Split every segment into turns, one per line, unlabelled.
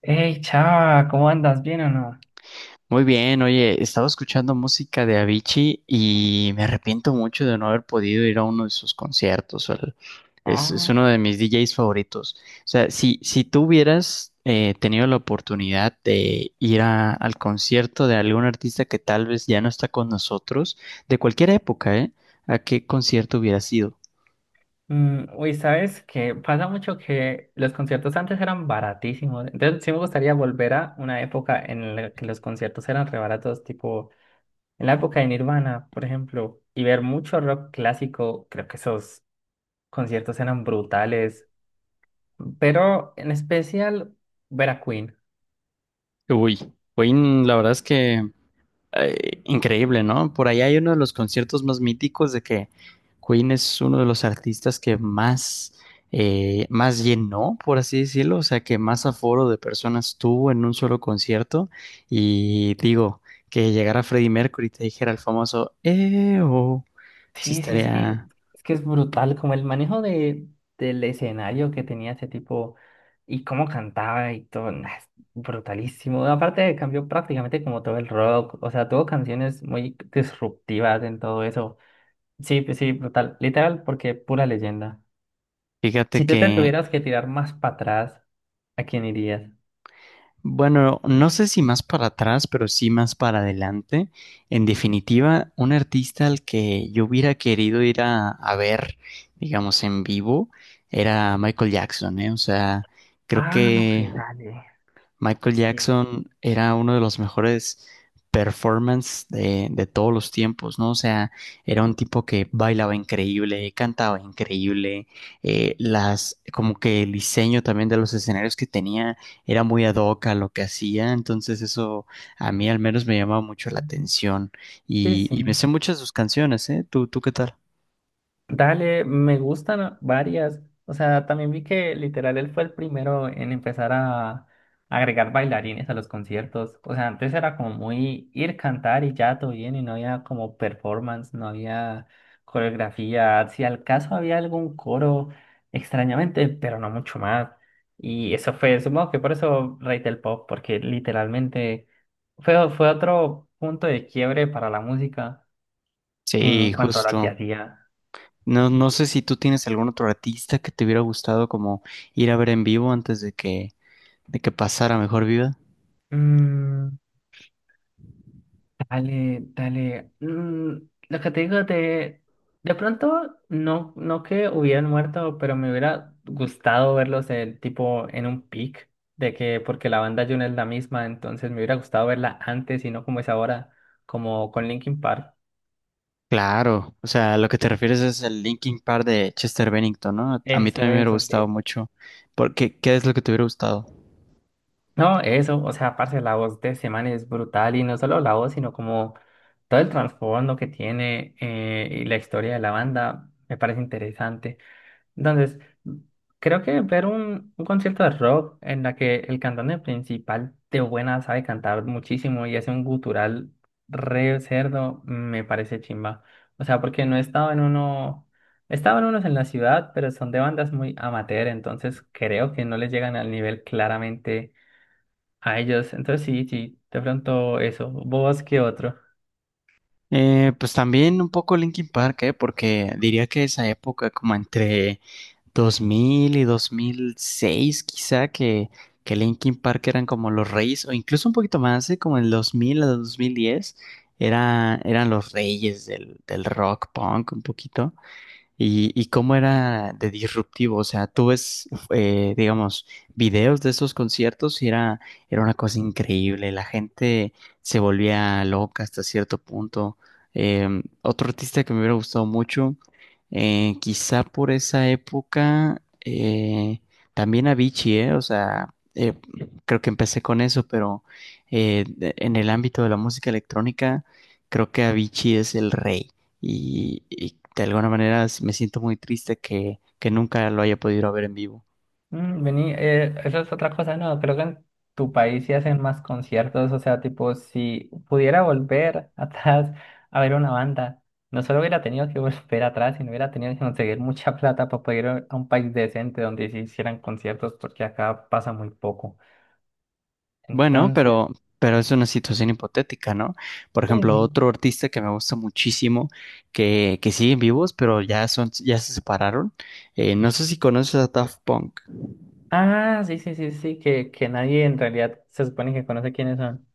Hey, Chava, ¿cómo andas? ¿Bien o no?
Muy bien, oye, estaba escuchando música de Avicii y me arrepiento mucho de no haber podido ir a uno de sus conciertos. Es
Ah,
uno de mis DJs favoritos. O sea,
eh,
si tú hubieras tenido la oportunidad de al concierto de algún artista que tal vez ya no está con nosotros, de cualquier época, ¿eh? ¿A qué concierto hubieras ido?
Uy, ¿sabes? Que pasa mucho que los conciertos antes eran baratísimos. Entonces, sí me gustaría volver a una época en la que los conciertos eran re baratos, tipo en la época de Nirvana, por ejemplo, y ver mucho rock clásico. Creo que esos conciertos eran brutales. Pero en especial ver a Queen.
Uy, uy, la verdad es que increíble, ¿no? Por ahí hay uno de los conciertos más míticos de que Queen es uno de los artistas que más, más llenó, por así decirlo, o sea, que más aforo de personas tuvo en un solo concierto. Y digo, que llegara Freddie Mercury y te dijera el famoso, oh, sí
Sí, sí, sí.
estaría,
Es que es brutal como el manejo del escenario que tenía ese tipo y cómo cantaba y todo. Nah, es brutalísimo. Aparte cambió prácticamente como todo el rock. O sea, tuvo canciones muy disruptivas en todo eso. Sí, pues sí, brutal. Literal, porque pura leyenda.
fíjate
Si tú te
que
tuvieras que tirar más para atrás, ¿a quién irías?
bueno, no sé si más para atrás, pero sí más para adelante. En definitiva, un artista al que yo hubiera querido ir a ver, digamos, en vivo, era Michael Jackson, ¿eh? O sea, creo
Ah, no,
que
que dale.
Michael
Sí.
Jackson era uno de los mejores performance de todos los tiempos, ¿no? O sea, era un tipo que bailaba increíble, cantaba increíble, las, como que el diseño también de los escenarios que tenía era muy ad hoc a lo que hacía, entonces eso a mí al menos me llamaba mucho la atención
Sí, sí.
y me sé muchas de sus canciones, ¿eh? ¿Tú qué tal?
Dale, me gustan varias. O sea, también vi que literal él fue el primero en empezar a agregar bailarines a los conciertos. O sea, antes era como muy ir cantar y ya todo bien y no había como performance, no había coreografía. Si al caso había algún coro, extrañamente, pero no mucho más. Y eso fue, supongo que por eso Rey del Pop, porque literalmente fue otro punto de quiebre para la música en
Sí,
cuanto a lo que
justo.
hacía.
No, no sé si tú tienes algún otro artista que te hubiera gustado como ir a ver en vivo antes de que pasara mejor vida.
Mm, dale, dale. Lo que te digo de pronto, no, no que hubieran muerto, pero me hubiera gustado verlos en, tipo en un pic, de que, porque la banda June es la misma, entonces me hubiera gustado verla antes y no como es ahora, como con Linkin Park.
Claro, o sea, lo que te refieres es el Linkin Park de Chester Bennington, ¿no? A mí
Eso,
también me hubiera
eso,
gustado
sí.
mucho. Porque, ¿qué es lo que te hubiera gustado?
No, eso, o sea, aparte la voz de Semana es brutal y no solo la voz, sino como todo el trasfondo que tiene y la historia de la banda, me parece interesante. Entonces, creo que ver un concierto de rock en la que el cantante principal de buena sabe cantar muchísimo y hace un gutural re cerdo, me parece chimba. O sea, porque no estaba en uno, estaban unos en la ciudad, pero son de bandas muy amateur, entonces creo que no les llegan al nivel claramente a ellos. Entonces sí, sí, de pronto eso. ¿Vos qué otro?
Pues también un poco Linkin Park, ¿eh? Porque diría que esa época, como entre 2000 y 2006, quizá, que Linkin Park eran como los reyes, o incluso un poquito más, ¿eh? Como el 2000 a 2010, era, eran los reyes del rock punk, un poquito. Y cómo era de disruptivo, o sea, tú ves, digamos, videos de esos conciertos y era, era una cosa increíble, la gente se volvía loca hasta cierto punto. Otro artista que me hubiera gustado mucho, quizá por esa época, también Avicii, o sea, creo que empecé con eso, pero en el ámbito de la música electrónica, creo que Avicii es el rey y de alguna manera me siento muy triste que nunca lo haya podido ver en vivo.
Mm, vení, eso es otra cosa, no, creo que en tu país sí hacen más conciertos, o sea, tipo, si pudiera volver atrás a ver una banda, no solo hubiera tenido que volver atrás, sino hubiera tenido que conseguir mucha plata para poder ir a un país decente donde se hicieran conciertos, porque acá pasa muy poco.
Bueno,
Entonces,
pero es una situación hipotética, ¿no? Por
sí,
ejemplo,
sí.
otro artista que me gusta muchísimo, que siguen vivos, pero ya son, ya se separaron. No sé si conoces a Daft Punk.
Ah, sí, sí, sí, sí, que nadie en realidad se supone que conoce quiénes son.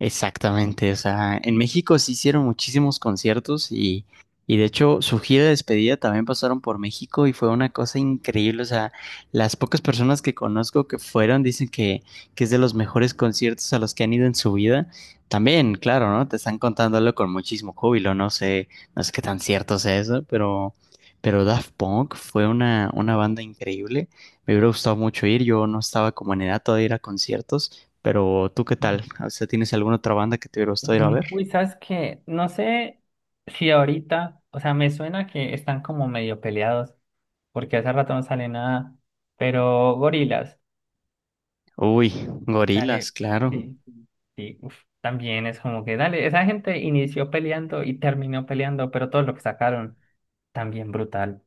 Exactamente, o sea, en México se hicieron muchísimos conciertos y de hecho su gira de despedida también pasaron por México y fue una cosa increíble, o sea, las pocas personas que conozco que fueron dicen que es de los mejores conciertos a los que han ido en su vida. También, claro, ¿no? Te están contándolo con muchísimo júbilo, no sé, no sé qué tan cierto sea eso, pero Daft Punk fue una banda increíble, me hubiera gustado mucho ir, yo no estaba como en edad todavía de ir a conciertos. Pero tú, ¿qué tal? O sea, ¿tienes alguna otra banda que te hubiera gustado ir a
Ujú.
ver?
Uy, sabes que no sé si ahorita, o sea, me suena que están como medio peleados, porque hace rato no sale nada, pero gorilas,
Uy, Gorilas,
dale,
claro.
sí, sí, sí, uf, también es como que, dale, esa gente inició peleando y terminó peleando, pero todo lo que sacaron, también brutal.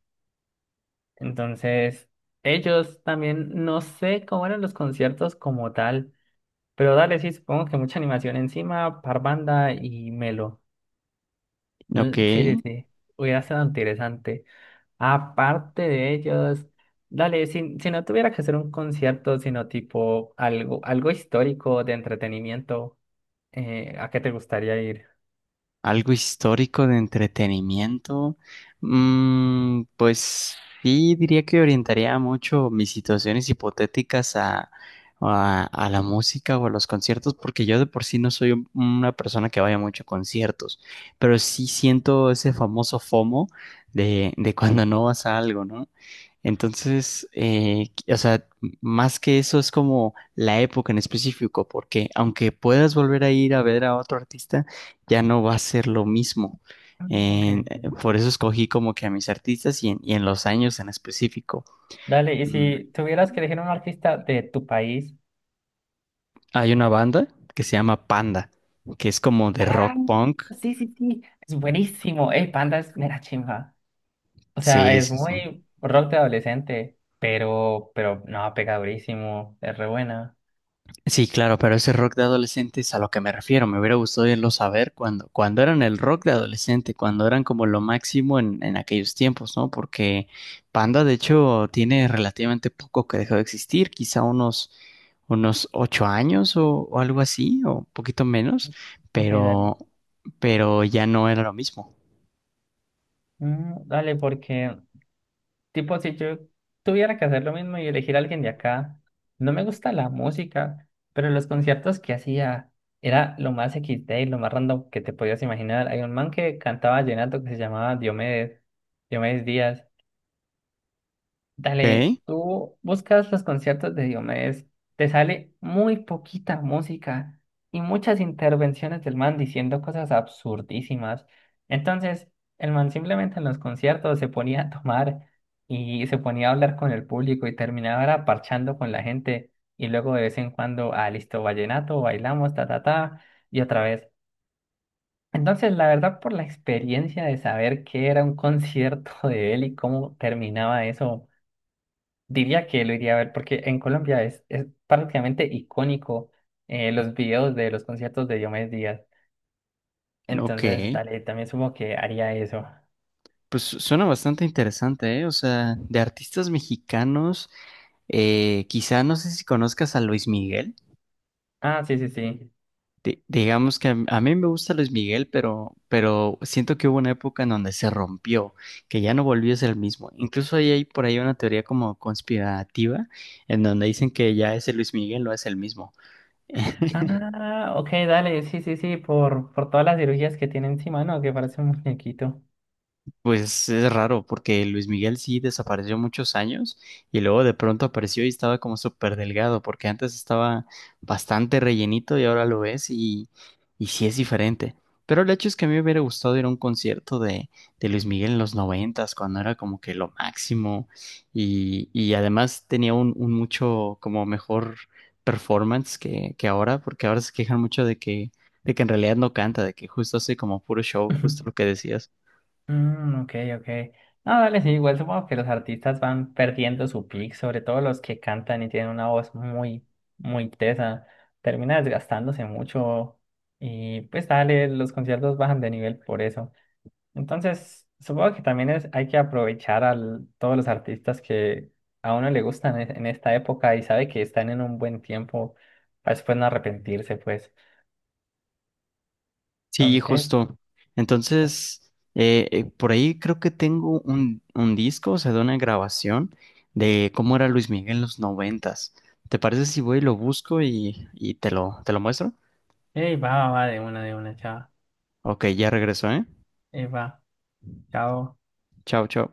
Entonces, ellos también, no sé cómo eran los conciertos como tal, pero dale, sí, supongo que mucha animación encima, Parvanda y Melo.
Ok.
Mm, sí, sí, sí. Hubiera sido interesante. Aparte de ellos, dale, si, si no tuviera que hacer un concierto, sino tipo algo, algo histórico de entretenimiento, ¿a qué te gustaría ir?
Algo histórico de entretenimiento. Mm, pues sí, diría que orientaría mucho mis situaciones hipotéticas a la música o a los conciertos, porque yo de por sí no soy una persona que vaya mucho a conciertos, pero sí siento ese famoso FOMO de cuando no vas a algo, ¿no? Entonces, o sea, más que eso es como la época en específico, porque aunque puedas volver a ir a ver a otro artista, ya no va a ser lo mismo.
Ah, ok. Ok.
Por eso escogí como que a mis artistas y en los años en específico.
Dale, y
Mm,
si tuvieras que elegir un artista de tu país.
hay una banda que se llama Panda, que es como de
Ah,
rock punk.
sí, sí, sí. Es buenísimo. El Panda es mera chimba. O sea,
Sí,
es
sí, sí.
muy rock de adolescente, pero no, pega durísimo. Es re buena.
Sí, claro, pero ese rock de adolescente es a lo que me refiero. Me hubiera gustado irlo saber cuando, cuando eran el rock de adolescente, cuando eran como lo máximo en aquellos tiempos, ¿no? Porque Panda, de hecho, tiene relativamente poco que dejó de existir, quizá unos, unos 8 años o algo así, o un poquito menos,
Ok, dale.
pero, pero ya no era lo mismo.
Mm, dale, porque, tipo, si yo tuviera que hacer lo mismo y elegir a alguien de acá, no me gusta la música, pero los conciertos que hacía era lo más XD y lo más random que te podías imaginar. Hay un man que cantaba vallenato que se llamaba Diomedes, Diomedes Díaz. Dale,
Ok,
tú buscas los conciertos de Diomedes, te sale muy poquita música y muchas intervenciones del man diciendo cosas absurdísimas. Entonces, el man simplemente en los conciertos se ponía a tomar y se ponía a hablar con el público y terminaba era parchando con la gente y luego de vez en cuando, ah, listo, vallenato, bailamos, ta, ta, ta, y otra vez. Entonces, la verdad, por la experiencia de saber qué era un concierto de él y cómo terminaba eso. Diría que lo iría a ver porque en Colombia es prácticamente icónico, los videos de los conciertos de Diomedes Díaz.
ok.
Entonces, dale, también supongo que haría eso.
Pues suena bastante interesante, ¿eh? O sea, de artistas mexicanos, quizá no sé si conozcas a Luis Miguel.
Ah, sí, sí, sí.
Digamos que a mí me gusta Luis Miguel, pero siento que hubo una época en donde se rompió, que ya no volvió a ser el mismo. Incluso ahí hay por ahí una teoría como conspirativa, en donde dicen que ya ese Luis Miguel no es el mismo.
Ah, ok, dale, sí, sí, sí, por todas las cirugías que tiene encima, ¿no? Que parece un muñequito.
Pues es raro, porque Luis Miguel sí desapareció muchos años y luego de pronto apareció y estaba como súper delgado, porque antes estaba bastante rellenito y ahora lo ves y sí es diferente. Pero el hecho es que a mí me hubiera gustado ir a un concierto de Luis Miguel en los noventas, cuando era como que lo máximo y además tenía un mucho como mejor performance que ahora, porque ahora se quejan mucho de que en realidad no canta, de que justo hace como puro show, justo lo que decías.
Mm, ok, ok. No, dale, sí, igual supongo que los artistas van perdiendo su pick, sobre todo los que cantan y tienen una voz muy, muy tesa. Termina desgastándose mucho y pues dale, los conciertos bajan de nivel por eso. Entonces, supongo que también es, hay que aprovechar a todos los artistas que a uno le gustan en esta época y sabe que están en un buen tiempo para después no arrepentirse, pues.
Sí,
Entonces,
justo. Entonces, por ahí creo que tengo un disco, o sea, de una grabación de cómo era Luis Miguel en los noventas. ¿Te parece si voy y lo busco y te lo muestro?
ey, va, va, va, de una, chao.
Ok, ya regreso, ¿eh?
Ey, va, chao.
Chao, chao.